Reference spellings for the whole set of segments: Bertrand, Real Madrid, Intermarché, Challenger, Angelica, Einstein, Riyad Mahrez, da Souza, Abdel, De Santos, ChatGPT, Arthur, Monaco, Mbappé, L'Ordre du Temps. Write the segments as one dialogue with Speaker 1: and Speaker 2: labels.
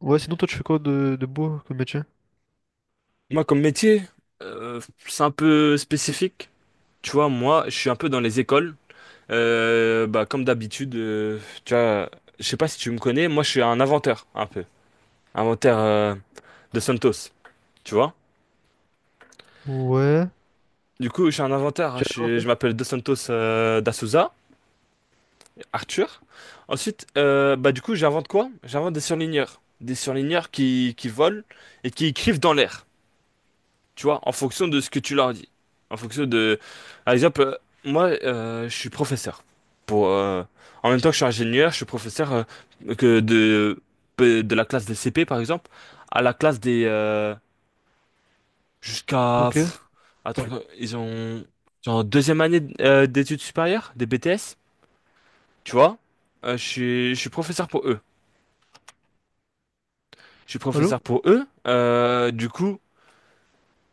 Speaker 1: Ouais, sinon toi tu fais quoi de beau comme métier?
Speaker 2: Moi, comme métier, euh, c'est un peu spécifique. Tu vois, moi, je suis un peu dans les écoles. Bah, comme d'habitude, tu vois, je sais pas si tu me connais, moi, je suis un inventeur, un peu. Inventeur de Santos, tu vois.
Speaker 1: Ouais.
Speaker 2: Du coup, je suis un inventeur, hein.
Speaker 1: J'ai rien en
Speaker 2: Je
Speaker 1: fait.
Speaker 2: m'appelle De Santos da Souza, Arthur. Ensuite, bah, du coup, j'invente quoi? J'invente des surligneurs. Des surligneurs qui volent et qui écrivent dans l'air, tu vois, en fonction de ce que tu leur dis. En fonction de... Par exemple, moi, je suis professeur. Pour, en même temps que je suis ingénieur, je suis professeur que de, de la classe des CP, par exemple, à la classe des... jusqu'à...
Speaker 1: Ok.
Speaker 2: Attends, ouais, ils ont en deuxième année d'études supérieures, des BTS, tu vois. Je suis professeur pour eux. Je suis
Speaker 1: Allô?
Speaker 2: professeur pour eux.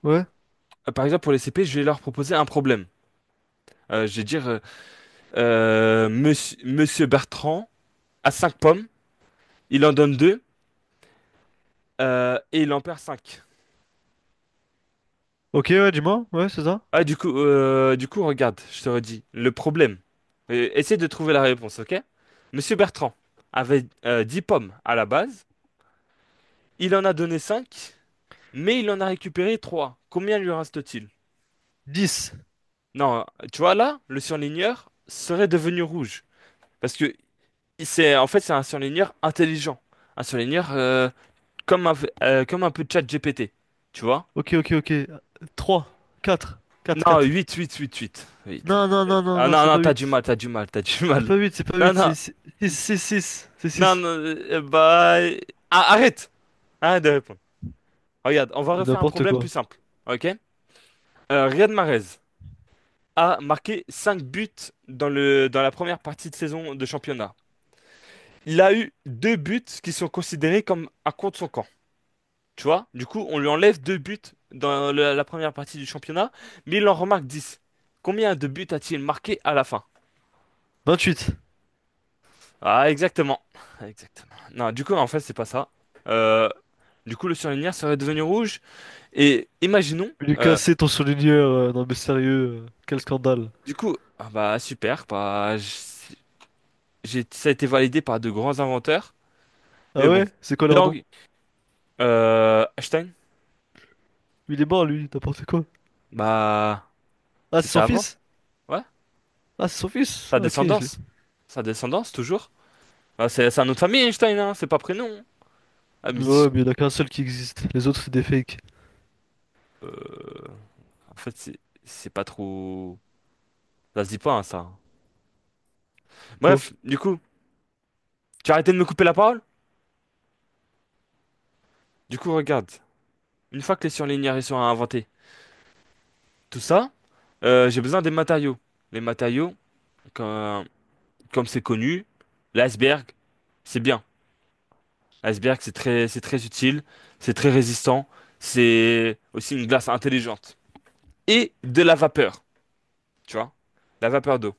Speaker 1: Ouais.
Speaker 2: Par exemple, pour les CP, je vais leur proposer un problème. Je vais dire... monsieur, Monsieur Bertrand a 5 pommes, il en donne 2 et il en perd 5.
Speaker 1: Ok, ouais, dis-moi. Ouais, c'est ça.
Speaker 2: Ah, du coup, regarde, je te redis le problème. Essaie de trouver la réponse, ok? Monsieur Bertrand avait 10 pommes à la base, il en a donné 5, mais il en a récupéré 3. Combien lui reste-t-il?
Speaker 1: 10.
Speaker 2: Non, tu vois là, le surligneur serait devenu rouge. Parce que c'est en fait c'est un surligneur intelligent. Un surligneur comme un, comme un peu de chat GPT. Tu vois?
Speaker 1: Ok, ok, ok. Trois. Quatre, quatre,
Speaker 2: Non,
Speaker 1: quatre.
Speaker 2: 8 8 8 8 huit.
Speaker 1: Non, non, non, non,
Speaker 2: Ah
Speaker 1: non,
Speaker 2: non,
Speaker 1: c'est
Speaker 2: non,
Speaker 1: pas
Speaker 2: t'as du
Speaker 1: huit.
Speaker 2: mal, t'as du mal, t'as du
Speaker 1: C'est
Speaker 2: mal.
Speaker 1: pas huit, c'est pas
Speaker 2: Non,
Speaker 1: huit, c'est
Speaker 2: non,
Speaker 1: 6, c'est six, c'est
Speaker 2: non,
Speaker 1: six.
Speaker 2: non, bah... Ah, arrête! Arrête de répondre. Regarde, on va refaire un
Speaker 1: N'importe
Speaker 2: problème plus
Speaker 1: quoi.
Speaker 2: simple, ok? Riyad Mahrez a marqué 5 buts dans la première partie de saison de championnat. Il a eu 2 buts qui sont considérés comme un contre son camp, tu vois? Du coup, on lui enlève 2 buts la première partie du championnat, mais il en remarque 10. Combien de buts a-t-il marqué à la fin?
Speaker 1: 28.
Speaker 2: Ah, exactement. Exactement. Non, du coup, en fait, c'est pas ça. Euh, du coup, le surligneur serait devenu rouge. Et imaginons,
Speaker 1: Il est
Speaker 2: euh,
Speaker 1: cassé ton surligneur, non mais sérieux, quel scandale.
Speaker 2: du coup, ah bah super, bah, ça a été validé par de grands inventeurs.
Speaker 1: Ah
Speaker 2: Mais bon,
Speaker 1: ouais? C'est quoi
Speaker 2: les
Speaker 1: leur nom?
Speaker 2: langues, Einstein,
Speaker 1: Il est mort lui, n'importe quoi.
Speaker 2: bah,
Speaker 1: Ah, c'est
Speaker 2: c'était
Speaker 1: son
Speaker 2: avant,
Speaker 1: fils?
Speaker 2: ouais.
Speaker 1: Ah, c'est son fils?
Speaker 2: Sa
Speaker 1: Ok, je l'ai.
Speaker 2: descendance, sa descendance, toujours. Ah, c'est un autre famille, Einstein, hein, c'est pas prénom, hein. Ah, mais si,
Speaker 1: Ouais, mais il y en a qu'un seul qui existe. Les autres, c'est des fakes.
Speaker 2: euh, en fait, c'est pas trop. Ça se dit pas, hein, ça.
Speaker 1: Oh.
Speaker 2: Bref, du coup, tu as arrêté de me couper la parole? Du coup, regarde, une fois que les surligneurs ils sont inventés, tout ça, j'ai besoin des matériaux. Les matériaux, comme, comme c'est connu, l'iceberg, c'est bien. L'iceberg, c'est très utile, c'est très résistant, c'est aussi une glace intelligente. Et de la vapeur, tu vois, la vapeur d'eau.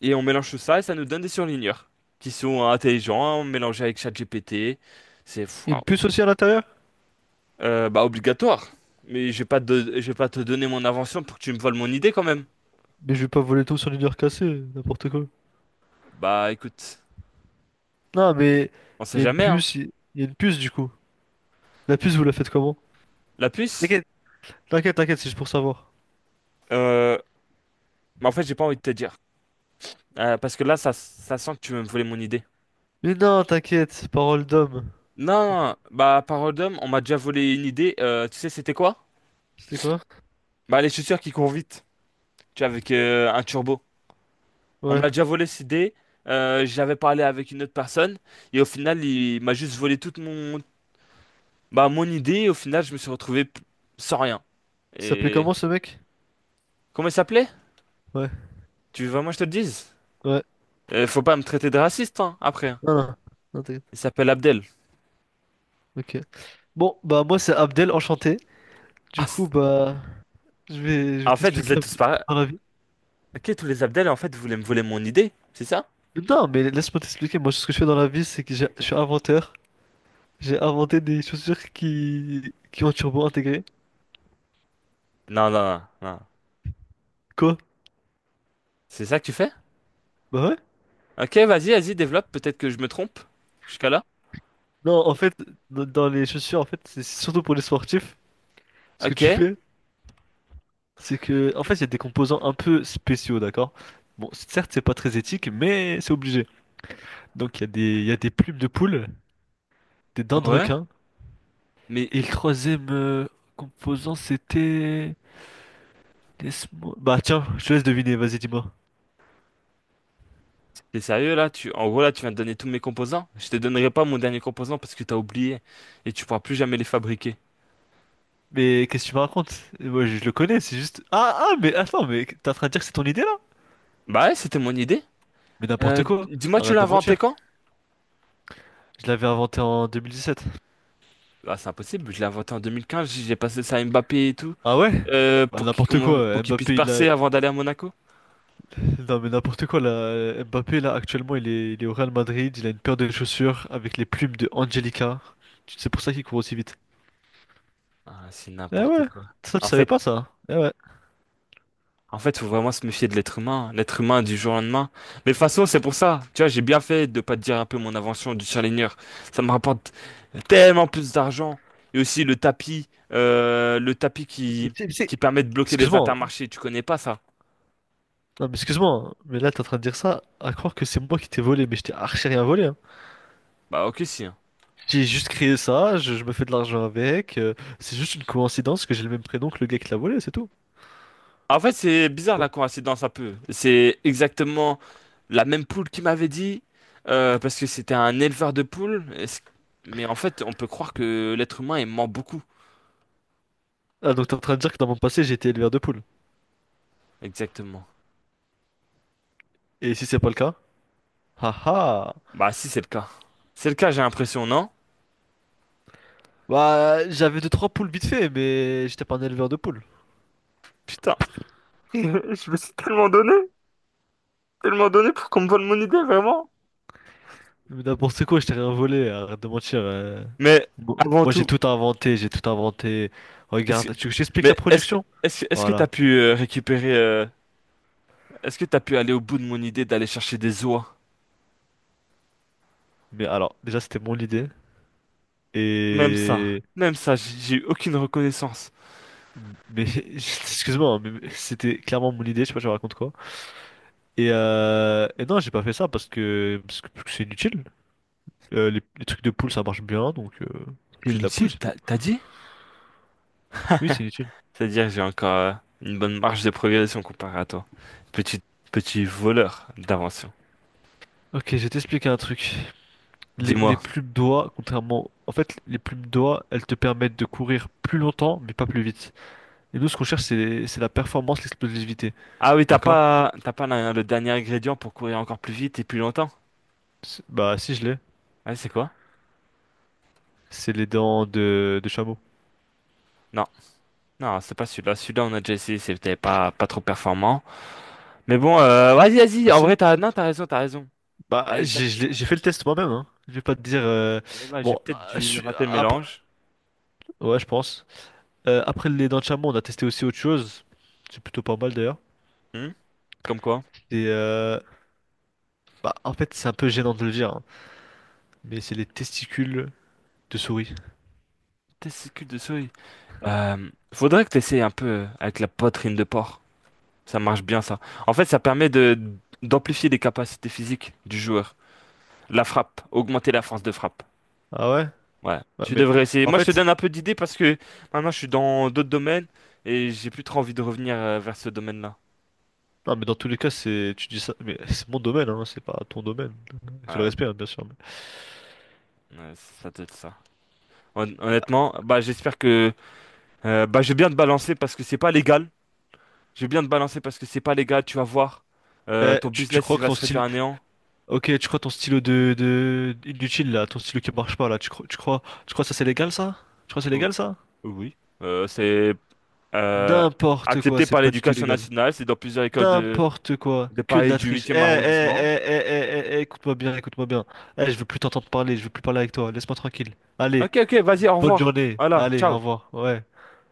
Speaker 2: Et on mélange tout ça et ça nous donne des surligneurs qui sont intelligents, mélangés avec ChatGPT. C'est
Speaker 1: Il y a
Speaker 2: waouh.
Speaker 1: une puce aussi à l'intérieur?
Speaker 2: Bah obligatoire. Mais je vais pas te donner mon invention pour que tu me voles mon idée quand même.
Speaker 1: Mais je vais pas voler tout sur une heure cassée, n'importe quoi.
Speaker 2: Bah écoute,
Speaker 1: Non, mais
Speaker 2: on
Speaker 1: il
Speaker 2: sait
Speaker 1: y a une
Speaker 2: jamais, hein.
Speaker 1: puce, il y a une puce du coup. La puce, vous la faites comment?
Speaker 2: La puce,
Speaker 1: T'inquiète, t'inquiète, t'inquiète, c'est juste pour savoir.
Speaker 2: euh, mais en fait, j'ai pas envie de te dire. Parce que là, ça sent que tu veux me voler mon idée.
Speaker 1: Mais non, t'inquiète, parole d'homme.
Speaker 2: Non, bah parole d'homme, on m'a déjà volé une idée. Tu sais, c'était quoi?
Speaker 1: C'était quoi?
Speaker 2: Bah les chaussures qui courent vite, tu vois, avec un turbo. On me
Speaker 1: Ouais.
Speaker 2: l'a déjà volé cette idée. J'avais parlé avec une autre personne et au final, il m'a juste volé toute mon, bah, mon idée. Et au final, je me suis retrouvé sans rien.
Speaker 1: Il s'appelait
Speaker 2: Et
Speaker 1: comment ce mec?
Speaker 2: comment il s'appelait?
Speaker 1: Ouais,
Speaker 2: Tu veux vraiment que je te le dise?
Speaker 1: ouais.
Speaker 2: Faut pas me traiter de raciste, hein, après.
Speaker 1: Non, non, non, t'inquiète.
Speaker 2: Il s'appelle Abdel.
Speaker 1: Ok. Bon, bah moi c'est Abdel, enchanté.
Speaker 2: Ah,
Speaker 1: Du coup,
Speaker 2: f-
Speaker 1: bah je vais
Speaker 2: En fait, vous
Speaker 1: t'expliquer
Speaker 2: êtes
Speaker 1: un peu
Speaker 2: tous
Speaker 1: ce que je fais
Speaker 2: pareils.
Speaker 1: dans la vie.
Speaker 2: Ok, tous les Abdel, en fait, vous voulez me voler mon idée, c'est ça?
Speaker 1: Non, mais laisse-moi t'expliquer. Moi, ce que je fais dans la vie, c'est que
Speaker 2: Ok.
Speaker 1: je suis inventeur. J'ai inventé des chaussures qui ont un turbo intégré.
Speaker 2: Non, non, non, non.
Speaker 1: Quoi?
Speaker 2: C'est ça que tu fais?
Speaker 1: Bah ouais.
Speaker 2: Ok, vas-y, vas-y, développe, peut-être que je me trompe. Jusqu'à là?
Speaker 1: Non, en fait, dans les chaussures, en fait, c'est surtout pour les sportifs. Ce que
Speaker 2: Ok,
Speaker 1: tu fais, c'est que, en fait, il y a des composants un peu spéciaux, d'accord? Bon, certes, c'est pas très éthique, mais c'est obligé. Donc, il y a des plumes de poule, des dents de
Speaker 2: ouais.
Speaker 1: requin.
Speaker 2: Mais
Speaker 1: Et le troisième composant, c'était. Laisse-moi. Bah tiens, je te laisse deviner, vas-y, dis-moi.
Speaker 2: t'es sérieux là? Tu... En gros, là, tu viens de donner tous mes composants. Je te donnerai pas mon dernier composant parce que t'as oublié et tu pourras plus jamais les fabriquer.
Speaker 1: Mais qu'est-ce que tu me racontes? Moi, je le connais, c'est juste. Ah, ah, mais attends, mais t'es en train de dire que c'est ton idée, là?
Speaker 2: Bah ouais, c'était mon idée.
Speaker 1: Mais n'importe quoi,
Speaker 2: Dis-moi, tu
Speaker 1: arrête
Speaker 2: l'as
Speaker 1: de
Speaker 2: inventé
Speaker 1: mentir.
Speaker 2: quand?
Speaker 1: Je l'avais inventé en 2017.
Speaker 2: Bah, c'est impossible, je l'ai inventé en 2015, j'ai passé ça à Mbappé et tout,
Speaker 1: Ah ouais? Bah,
Speaker 2: pour
Speaker 1: n'importe
Speaker 2: pour
Speaker 1: quoi,
Speaker 2: qu'il puisse
Speaker 1: Mbappé il a.
Speaker 2: percer avant d'aller à Monaco.
Speaker 1: Non mais n'importe quoi, là. Mbappé là actuellement il est au Real Madrid, il a une paire de chaussures avec les plumes de Angelica. C'est pour ça qu'il court aussi vite.
Speaker 2: Ah, c'est
Speaker 1: Eh
Speaker 2: n'importe
Speaker 1: ouais,
Speaker 2: quoi.
Speaker 1: ça tu
Speaker 2: En
Speaker 1: savais
Speaker 2: fait,
Speaker 1: pas ça. Eh ouais.
Speaker 2: en fait, faut vraiment se méfier de l'être humain, hein. L'être humain du jour au lendemain. Mais de toute façon, c'est pour ça. Tu vois, j'ai bien fait de pas te dire un peu mon invention du Challenger. Ça me rapporte tellement plus d'argent. Et aussi le tapis, le tapis
Speaker 1: Mais tu- mais c'est-
Speaker 2: qui permet de bloquer les
Speaker 1: Excuse-moi, hein.
Speaker 2: intermarchés. Tu connais pas ça?
Speaker 1: Non mais excuse-moi, hein, mais là t'es en train de dire ça à croire que c'est moi qui t'ai volé, mais je t'ai archi rien volé, hein.
Speaker 2: Bah, ok, si, hein.
Speaker 1: J'ai juste créé ça, je me fais de l'argent avec, c'est juste une coïncidence que j'ai le même prénom que le gars qui l'a volé, c'est tout.
Speaker 2: Ah, en fait, c'est bizarre la coïncidence un peu. C'est exactement la même poule qui m'avait dit, parce que c'était un éleveur de poules. Mais en fait, on peut croire que l'être humain est mort beaucoup.
Speaker 1: Ah, donc t'es en train de dire que dans mon passé, j'étais éleveur de poules.
Speaker 2: Exactement.
Speaker 1: Et si c'est pas le cas? Haha!
Speaker 2: Bah si c'est le cas. C'est le cas, j'ai l'impression, non?
Speaker 1: Bah, j'avais deux trois poules vite fait, mais j'étais pas un éleveur de poules.
Speaker 2: Putain. Je me suis tellement donné pour qu'on me vole mon idée, vraiment.
Speaker 1: Mais d'abord, c'est quoi? Je t'ai rien volé, hein, arrête de mentir.
Speaker 2: Mais
Speaker 1: Bon,
Speaker 2: avant
Speaker 1: moi, j'ai
Speaker 2: tout,
Speaker 1: tout inventé, j'ai tout inventé.
Speaker 2: est-ce que...
Speaker 1: Regarde, tu veux que je t'explique la
Speaker 2: mais est-ce que
Speaker 1: production?
Speaker 2: est-ce que t'as
Speaker 1: Voilà.
Speaker 2: pu aller au bout de mon idée d'aller chercher des oies?
Speaker 1: Mais alors, déjà, c'était mon idée.
Speaker 2: Même ça.
Speaker 1: Et.
Speaker 2: Même ça, j'ai eu aucune reconnaissance.
Speaker 1: Mais, excuse-moi, mais c'était clairement mon idée, je sais pas, je raconte quoi. Et non, j'ai pas fait ça parce que c'est inutile. Les trucs de poule, ça marche bien, donc,
Speaker 2: C'est
Speaker 1: utilise la poule,
Speaker 2: inutile,
Speaker 1: c'est tout.
Speaker 2: t'as dit?
Speaker 1: Oui, c'est inutile.
Speaker 2: C'est-à-dire que j'ai encore une bonne marge de progression comparé à toi. Petit petit voleur d'invention.
Speaker 1: Ok, je vais t'expliquer un truc. Les
Speaker 2: Dis-moi.
Speaker 1: plumes d'oie, contrairement. En fait, les plumes d'oie, elles te permettent de courir plus longtemps, mais pas plus vite. Et nous, ce qu'on cherche, c'est la performance, l'explosivité.
Speaker 2: Ah oui,
Speaker 1: D'accord?
Speaker 2: t'as pas le dernier ingrédient pour courir encore plus vite et plus longtemps?
Speaker 1: Bah, si, je l'ai.
Speaker 2: Ouais, c'est quoi?
Speaker 1: C'est les dents de chameau.
Speaker 2: Non, non, c'est pas celui-là. Celui-là, on a déjà essayé, c'était pas, pas trop performant. Mais bon, vas-y, vas-y.
Speaker 1: Ah
Speaker 2: En
Speaker 1: si?
Speaker 2: vrai, t'as, non, t'as raison, t'as raison.
Speaker 1: Bah,
Speaker 2: Ah, exactement.
Speaker 1: j'ai fait le test moi-même, hein. Je vais pas te dire.
Speaker 2: Eh ben, j'ai
Speaker 1: Bon,
Speaker 2: peut-être dû rater le
Speaker 1: après.
Speaker 2: mélange.
Speaker 1: Ouais, je pense. Après les dents de chameau, on a testé aussi autre chose. C'est plutôt pas mal, d'ailleurs.
Speaker 2: Hmm. Comme quoi?
Speaker 1: Et, bah, en fait, c'est un peu gênant de le dire, hein, mais c'est les testicules de souris.
Speaker 2: Testicule de souris. Faudrait que t'essayes un peu avec la poitrine de porc. Ça marche bien, ça. En fait, ça permet d'amplifier les capacités physiques du joueur. La frappe, augmenter la force de frappe.
Speaker 1: Ah ouais?
Speaker 2: Ouais,
Speaker 1: Ouais,
Speaker 2: tu
Speaker 1: mais
Speaker 2: devrais essayer.
Speaker 1: en
Speaker 2: Moi, je te
Speaker 1: fait,
Speaker 2: donne un peu d'idées parce que maintenant, je suis dans d'autres domaines et j'ai plus trop envie de revenir vers ce domaine-là.
Speaker 1: non, mais dans tous les cas, c'est tu dis ça, mais c'est mon domaine, hein, c'est pas ton domaine. Avec tout le
Speaker 2: Ouais,
Speaker 1: respect, hein, bien sûr.
Speaker 2: ouais, ça doit être ça. Honnêtement, bah, j'espère que bah, je vais bien te balancer parce que c'est pas légal. Je vais bien te balancer parce que c'est pas légal. Tu vas voir.
Speaker 1: Eh,
Speaker 2: Ton
Speaker 1: tu
Speaker 2: business,
Speaker 1: crois
Speaker 2: il
Speaker 1: que
Speaker 2: va
Speaker 1: ton
Speaker 2: se réduire
Speaker 1: style,
Speaker 2: à néant.
Speaker 1: ok, tu crois ton stylo de inutile là, ton stylo qui marche pas là, tu crois que ça c'est légal ça? Tu crois que c'est
Speaker 2: Oh.
Speaker 1: légal ça?
Speaker 2: Oui. C'est euh,
Speaker 1: N'importe quoi,
Speaker 2: accepté
Speaker 1: c'est
Speaker 2: par
Speaker 1: pas du tout
Speaker 2: l'éducation
Speaker 1: légal.
Speaker 2: nationale. C'est dans plusieurs écoles
Speaker 1: N'importe quoi,
Speaker 2: de
Speaker 1: que de
Speaker 2: Paris
Speaker 1: la
Speaker 2: du
Speaker 1: triche. Eh, eh,
Speaker 2: huitième arrondissement.
Speaker 1: eh, eh, eh, eh, eh, écoute-moi bien, écoute-moi bien. Eh, je veux plus t'entendre parler, je veux plus parler avec toi. Laisse-moi tranquille. Allez,
Speaker 2: Ok, ok, vas-y, au
Speaker 1: bonne
Speaker 2: revoir.
Speaker 1: journée.
Speaker 2: Voilà,
Speaker 1: Allez, au
Speaker 2: ciao.
Speaker 1: revoir. Ouais.